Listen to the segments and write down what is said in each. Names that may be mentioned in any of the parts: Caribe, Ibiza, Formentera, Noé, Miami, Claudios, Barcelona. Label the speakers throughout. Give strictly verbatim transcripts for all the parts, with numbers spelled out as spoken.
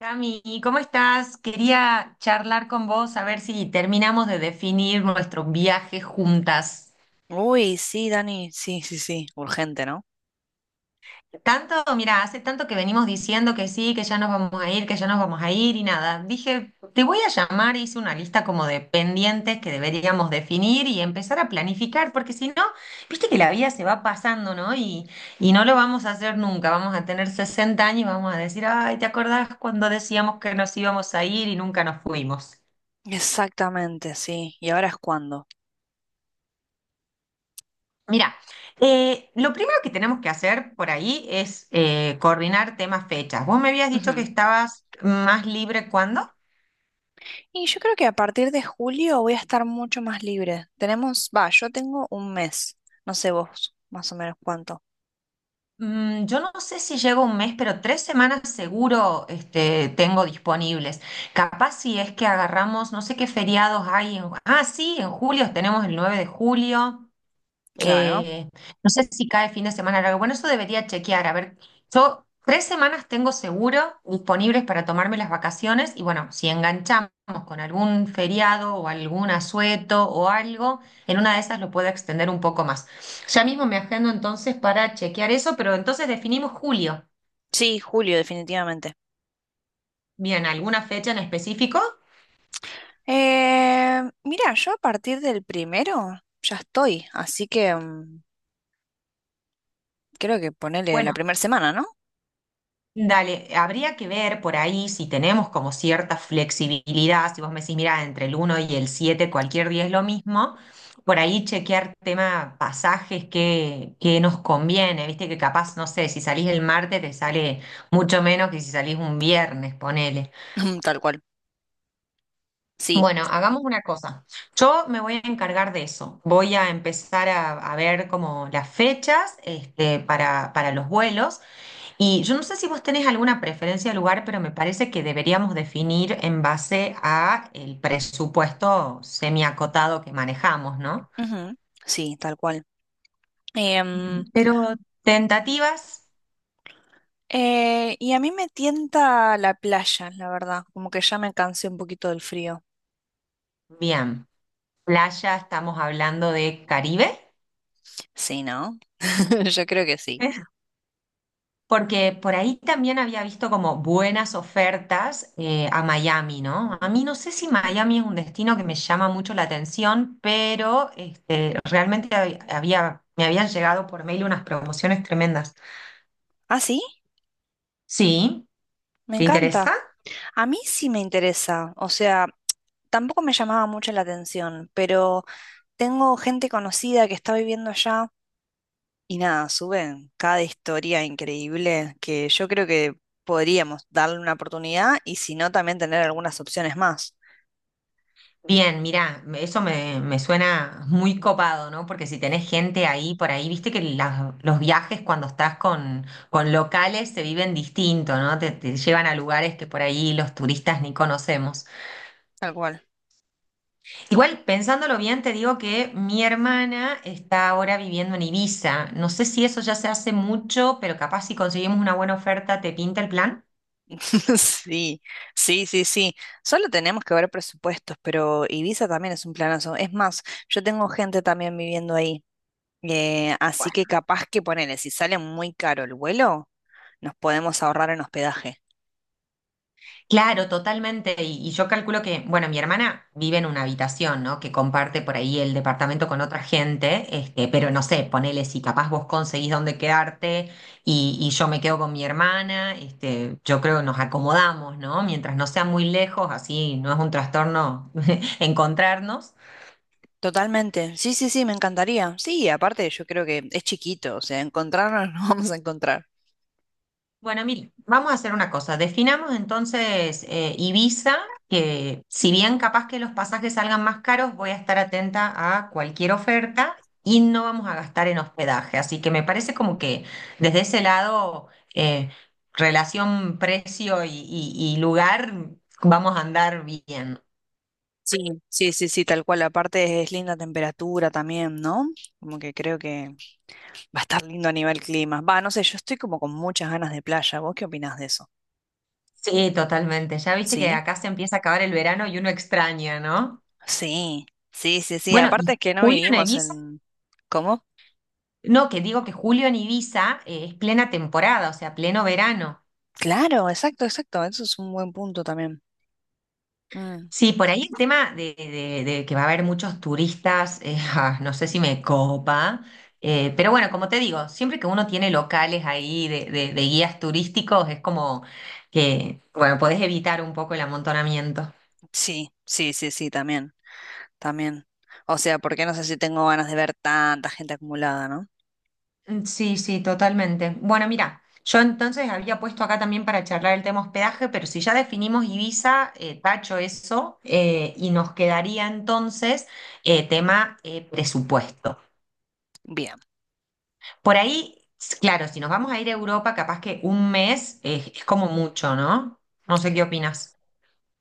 Speaker 1: Cami, ¿cómo estás? Quería charlar con vos a ver si terminamos de definir nuestro viaje juntas.
Speaker 2: Uy, sí, Dani, sí, sí, sí, urgente, ¿no?
Speaker 1: Tanto, mira, hace tanto que venimos diciendo que sí, que ya nos vamos a ir, que ya nos vamos a ir y nada. Dije, te voy a llamar, hice una lista como de pendientes que deberíamos definir y empezar a planificar, porque si no, viste que la vida se va pasando, ¿no? Y, y no lo vamos a hacer nunca. Vamos a tener sesenta años y vamos a decir, ay, ¿te acordás cuando decíamos que nos íbamos a ir y nunca nos fuimos?
Speaker 2: Exactamente, sí. ¿Y ahora es cuándo?
Speaker 1: Mira, eh, lo primero que tenemos que hacer por ahí es eh, coordinar temas fechas. Vos me habías dicho que
Speaker 2: Ujú.
Speaker 1: estabas más libre cuándo.
Speaker 2: Y yo creo que a partir de julio voy a estar mucho más libre. Tenemos, va, yo tengo un mes. No sé vos, más o menos cuánto.
Speaker 1: Mm, yo no sé si llego un mes, pero tres semanas seguro este, tengo disponibles. Capaz si es que agarramos, no sé qué feriados hay en... Ah, sí, en julio tenemos el nueve de julio.
Speaker 2: Claro.
Speaker 1: Eh, no sé si cae fin de semana largo. Bueno, eso debería chequear. A ver, yo tres semanas tengo seguro disponibles para tomarme las vacaciones y bueno, si enganchamos con algún feriado o algún asueto o algo, en una de esas lo puedo extender un poco más. Ya mismo me agendo entonces para chequear eso, pero entonces definimos julio.
Speaker 2: Sí, julio, definitivamente.
Speaker 1: Bien, ¿alguna fecha en específico?
Speaker 2: Eh, mira, yo a partir del primero ya estoy, así que mm, creo que ponele la
Speaker 1: Bueno,
Speaker 2: primera semana, ¿no?
Speaker 1: dale, habría que ver por ahí si tenemos como cierta flexibilidad, si vos me decís, mira, entre el uno y el siete cualquier día es lo mismo, por ahí chequear tema pasajes que, que nos conviene, viste que capaz, no sé, si salís el martes te sale mucho menos que si salís un viernes, ponele.
Speaker 2: Tal cual. Sí.
Speaker 1: Bueno, hagamos una cosa, yo me voy a encargar de eso, voy a empezar a, a ver como las fechas este, para, para los vuelos. Y yo no sé si vos tenés alguna preferencia de lugar, pero me parece que deberíamos definir en base a el presupuesto semiacotado que manejamos, ¿no?
Speaker 2: Ujú. Sí, tal cual.
Speaker 1: Pero tentativas,
Speaker 2: Eh, y a mí me tienta la playa, la verdad. Como que ya me cansé un poquito del frío.
Speaker 1: bien. Playa, estamos hablando de Caribe,
Speaker 2: Sí, ¿no? Yo creo que sí.
Speaker 1: porque por ahí también había visto como buenas ofertas eh, a Miami, ¿no? A mí no sé si Miami es un destino que me llama mucho la atención, pero este, realmente hab- había, me habían llegado por mail unas promociones tremendas.
Speaker 2: Ah, sí,
Speaker 1: Sí,
Speaker 2: me
Speaker 1: ¿te interesa?
Speaker 2: encanta. A mí sí me interesa. O sea, tampoco me llamaba mucho la atención, pero tengo gente conocida que está viviendo allá y nada, suben cada historia increíble que yo creo que podríamos darle una oportunidad y si no, también tener algunas opciones más.
Speaker 1: Bien, mira, eso me, me suena muy copado, ¿no? Porque si tenés gente ahí por ahí, viste que las- los viajes cuando estás con, con locales se viven distinto, ¿no? Te, te llevan a lugares que por ahí los turistas ni conocemos.
Speaker 2: Tal cual.
Speaker 1: Igual, pensándolo bien, te digo que mi hermana está ahora viviendo en Ibiza. No sé si eso ya se hace mucho, pero capaz si conseguimos una buena oferta, ¿te pinta el plan?
Speaker 2: Sí, sí, sí, sí. Solo tenemos que ver presupuestos, pero Ibiza también es un planazo. Es más, yo tengo gente también viviendo ahí. Eh, así que capaz que ponele, si sale muy caro el vuelo, nos podemos ahorrar en hospedaje.
Speaker 1: Claro, totalmente. Y, y yo calculo que, bueno, mi hermana vive en una habitación, ¿no? Que comparte por ahí el departamento con otra gente, este, pero no sé, ponele si capaz vos conseguís dónde quedarte y, y yo me quedo con mi hermana, este, yo creo que nos acomodamos, ¿no? Mientras no sea muy lejos, así no es un trastorno encontrarnos.
Speaker 2: Totalmente. Sí, sí, sí, me encantaría. Sí, aparte yo creo que es chiquito, o sea, encontrarnos nos vamos a encontrar.
Speaker 1: Bueno, mire, vamos a hacer una cosa. Definamos entonces eh, Ibiza, que si bien capaz que los pasajes salgan más caros, voy a estar atenta a cualquier oferta y no vamos a gastar en hospedaje. Así que me parece como que desde ese lado, eh, relación precio y, y- y lugar, vamos a andar bien.
Speaker 2: Sí, sí, sí, sí, tal cual. Aparte es linda temperatura también, ¿no? Como que creo que va a estar lindo a nivel clima. Va, no sé, yo estoy como con muchas ganas de playa. ¿Vos qué opinás de eso?
Speaker 1: Sí, totalmente. Ya viste que
Speaker 2: Sí,
Speaker 1: acá se empieza a acabar el verano y uno extraña, ¿no?
Speaker 2: sí, sí, sí, sí.
Speaker 1: Bueno, ¿y
Speaker 2: Aparte es que no
Speaker 1: julio en
Speaker 2: vivimos
Speaker 1: Ibiza?
Speaker 2: en... ¿Cómo?
Speaker 1: No, que digo que julio en Ibiza eh, es plena temporada, o sea, pleno verano.
Speaker 2: Claro, exacto, exacto. Eso es un buen punto también. Mm,
Speaker 1: Sí, por ahí el tema de, de- de que va a haber muchos turistas, eh, ah, no sé si me copa, eh, pero bueno, como te digo, siempre que uno tiene locales ahí de, de- de guías turísticos, es como que, bueno, podés evitar un poco el amontonamiento.
Speaker 2: Sí, sí, sí, sí, también, también. O sea, porque no sé si tengo ganas de ver tanta gente acumulada, ¿no?
Speaker 1: Mm, sí, sí, totalmente. Bueno, mira, yo entonces había puesto acá también para charlar el tema hospedaje, pero si ya definimos Ibiza, eh, tacho eso, eh, y nos quedaría entonces eh, tema eh, presupuesto.
Speaker 2: Bien.
Speaker 1: Por ahí, s- claro, si nos vamos a ir a Europa, capaz que un mes eh, es como mucho, ¿no? No sé qué opinas.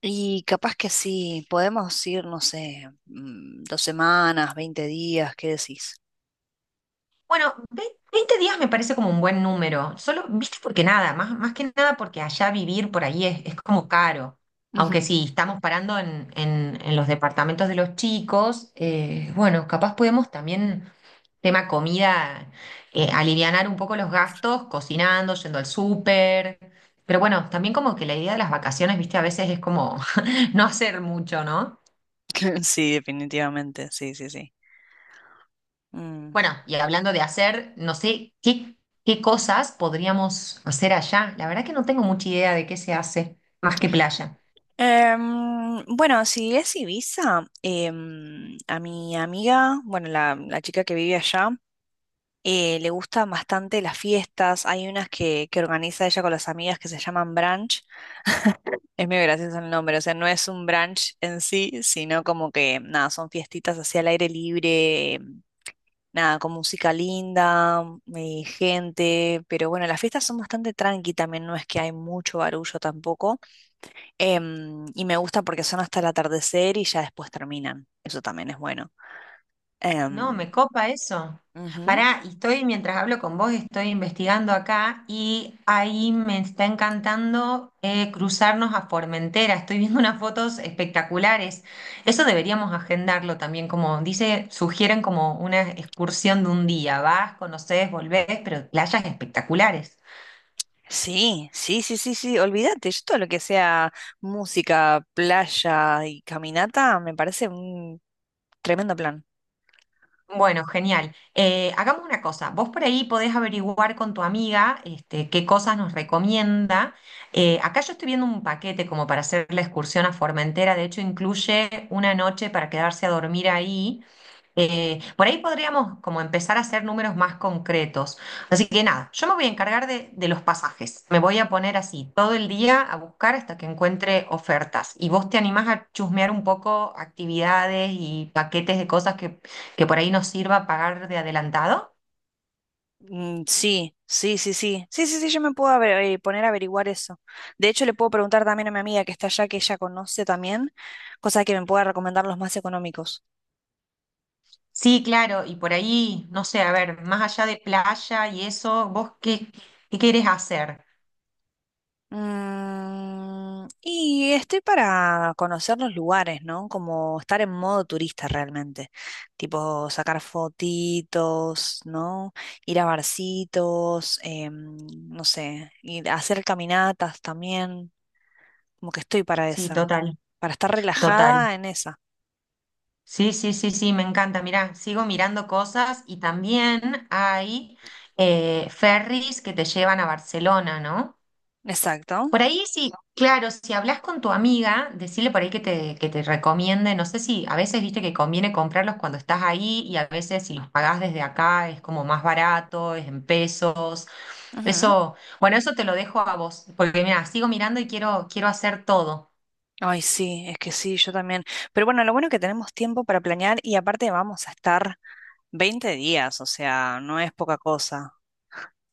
Speaker 2: Y capaz que sí, podemos ir, no sé, mm, dos semanas, veinte días, ¿qué decís?
Speaker 1: Bueno, ve- veinte días me parece como un buen número. Solo, viste, porque nada, más, más que nada porque allá vivir por ahí es, es como caro. Aunque
Speaker 2: Ujú.
Speaker 1: si estamos parando en, en- en los departamentos de los chicos, eh, bueno, capaz podemos también, tema comida, eh, alivianar un poco los gastos, cocinando, yendo al súper. Pero bueno, también como que la idea de las vacaciones, viste, a veces es como no hacer mucho, ¿no?
Speaker 2: Sí, definitivamente, sí, sí, sí.
Speaker 1: Bueno, y hablando de hacer, no sé qué, qué cosas podríamos hacer allá. La verdad que no tengo mucha idea de qué se hace más que playa.
Speaker 2: Em, bueno, si es Ibiza, em, a mi amiga, bueno, la, la chica que vive allá, eh, le gustan bastante las fiestas. Hay unas que, que organiza ella con las amigas que se llaman brunch. Es muy gracioso el nombre, o sea, no es un brunch en sí, sino como que, nada, son fiestitas así al aire libre, em, nada, con música linda, eh, gente. Pero bueno, las fiestas son bastante tranqui también, no es que hay mucho barullo tampoco. Em, y me gusta porque son hasta el atardecer y ya después terminan. Eso también es bueno.
Speaker 1: No,
Speaker 2: Em,
Speaker 1: me copa eso.
Speaker 2: Ujú.
Speaker 1: Pará, y estoy, mientras hablo con vos, estoy investigando acá y ahí me está encantando eh, cruzarnos a Formentera. Estoy viendo unas fotos espectaculares. Eso deberíamos agendarlo también, como dice, sugieren como una excursión de un día. Vas, conoces, volvés, pero playas espectaculares.
Speaker 2: Sí, sí, sí, sí, sí, olvídate. Yo todo lo que sea música, playa y caminata me parece un tremendo plan.
Speaker 1: Bueno, genial. Eh, hagamos una cosa. Vos por ahí podés averiguar con tu amiga este, qué cosas nos recomienda. Eh, acá yo estoy viendo un paquete como para hacer la excursión a Formentera. De hecho, incluye una noche para quedarse a dormir ahí. Eh, por ahí podríamos como empezar a hacer números más concretos. Así que nada, yo me voy a encargar de, de los pasajes. Me voy a poner así todo el día a buscar hasta que encuentre ofertas. Y vos te animás a chusmear un poco actividades y paquetes de cosas que, que por ahí nos sirva pagar de adelantado.
Speaker 2: Mm, Sí, sí, sí, sí. Sí, sí, sí, yo me puedo aver- eh, poner a averiguar eso. De hecho, le puedo preguntar también a mi amiga que está allá, que ella conoce también, cosa que me pueda recomendar los más económicos.
Speaker 1: Sí, claro, y por ahí, no sé, a ver, más allá de playa y eso, ¿vos qué, qué querés hacer?
Speaker 2: Mm, y estoy para conocer los lugares, ¿no? Como estar en modo turista realmente. Tipo sacar fotitos, ¿no? Ir a barcitos, em, no sé, ir a hacer caminatas también. Como que estoy para
Speaker 1: Sí,
Speaker 2: esa.
Speaker 1: total,
Speaker 2: Para estar
Speaker 1: total.
Speaker 2: relajada en esa.
Speaker 1: Sí, sí, sí, sí, me encanta. Mirá, sigo mirando cosas y también hay eh, ferries que te llevan a Barcelona, ¿no?
Speaker 2: Exacto.
Speaker 1: Por ahí sí, claro, si hablas con tu amiga, decirle por ahí que te, que te recomiende, no sé si a veces viste que conviene comprarlos cuando estás ahí y a veces si los pagás desde acá es como más barato, es en pesos.
Speaker 2: Ujú.
Speaker 1: Eso, bueno, eso te lo dejo a vos, porque mira, sigo mirando y quiero, quiero hacer todo.
Speaker 2: Ay, sí, es que sí, yo también. Pero bueno, lo bueno es que tenemos tiempo para planear y aparte vamos a estar veinte días, o sea, no es poca cosa.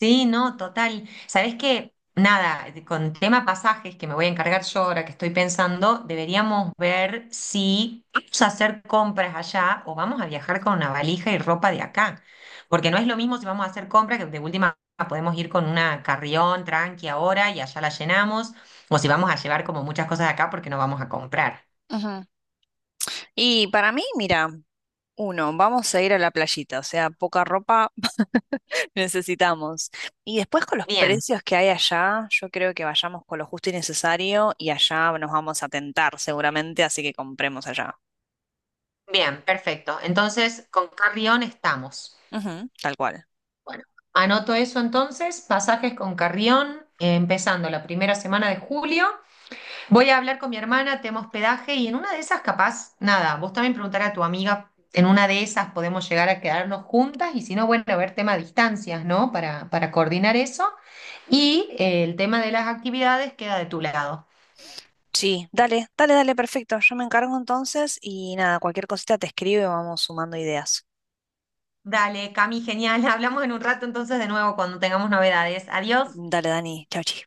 Speaker 1: Sí, no, total. Sabés que, nada, de- con tema pasajes que me voy a encargar yo ahora que estoy pensando, deberíamos ver si vamos a hacer compras allá o vamos a viajar con una valija y ropa de acá. Porque no es lo mismo si vamos a hacer compras, que de última podemos ir con una carrión tranqui ahora y allá la llenamos, o si vamos a llevar como muchas cosas de acá porque no vamos a comprar.
Speaker 2: Y para mí, mira, uno, vamos a ir a la playita, o sea, poca ropa necesitamos. Y después con los
Speaker 1: Bien,
Speaker 2: precios que hay allá, yo creo que vayamos con lo justo y necesario y allá nos vamos a tentar seguramente, así que compremos allá.
Speaker 1: bien, perfecto. Entonces, con carrión estamos.
Speaker 2: Ujú, tal cual.
Speaker 1: Bueno, anoto eso entonces, pasajes con Carrión, eh, empezando la primera semana de julio. Voy a hablar con mi hermana, tema hospedaje, y en una de esas, capaz, nada, vos también preguntar a tu amiga, en una de esas podemos llegar a quedarnos juntas, y si no, bueno, a ver tema de distancias, ¿no? Para, para coordinar eso. Y eh, el tema de las actividades queda de tu lado.
Speaker 2: Sí, dale, dale, dale, perfecto. Yo me encargo entonces y nada, cualquier cosita te escribo y vamos sumando ideas.
Speaker 1: Dale, Cami, genial. Hablamos en un rato entonces de nuevo cuando tengamos novedades. Adiós.
Speaker 2: Dale, Dani, chau, chis.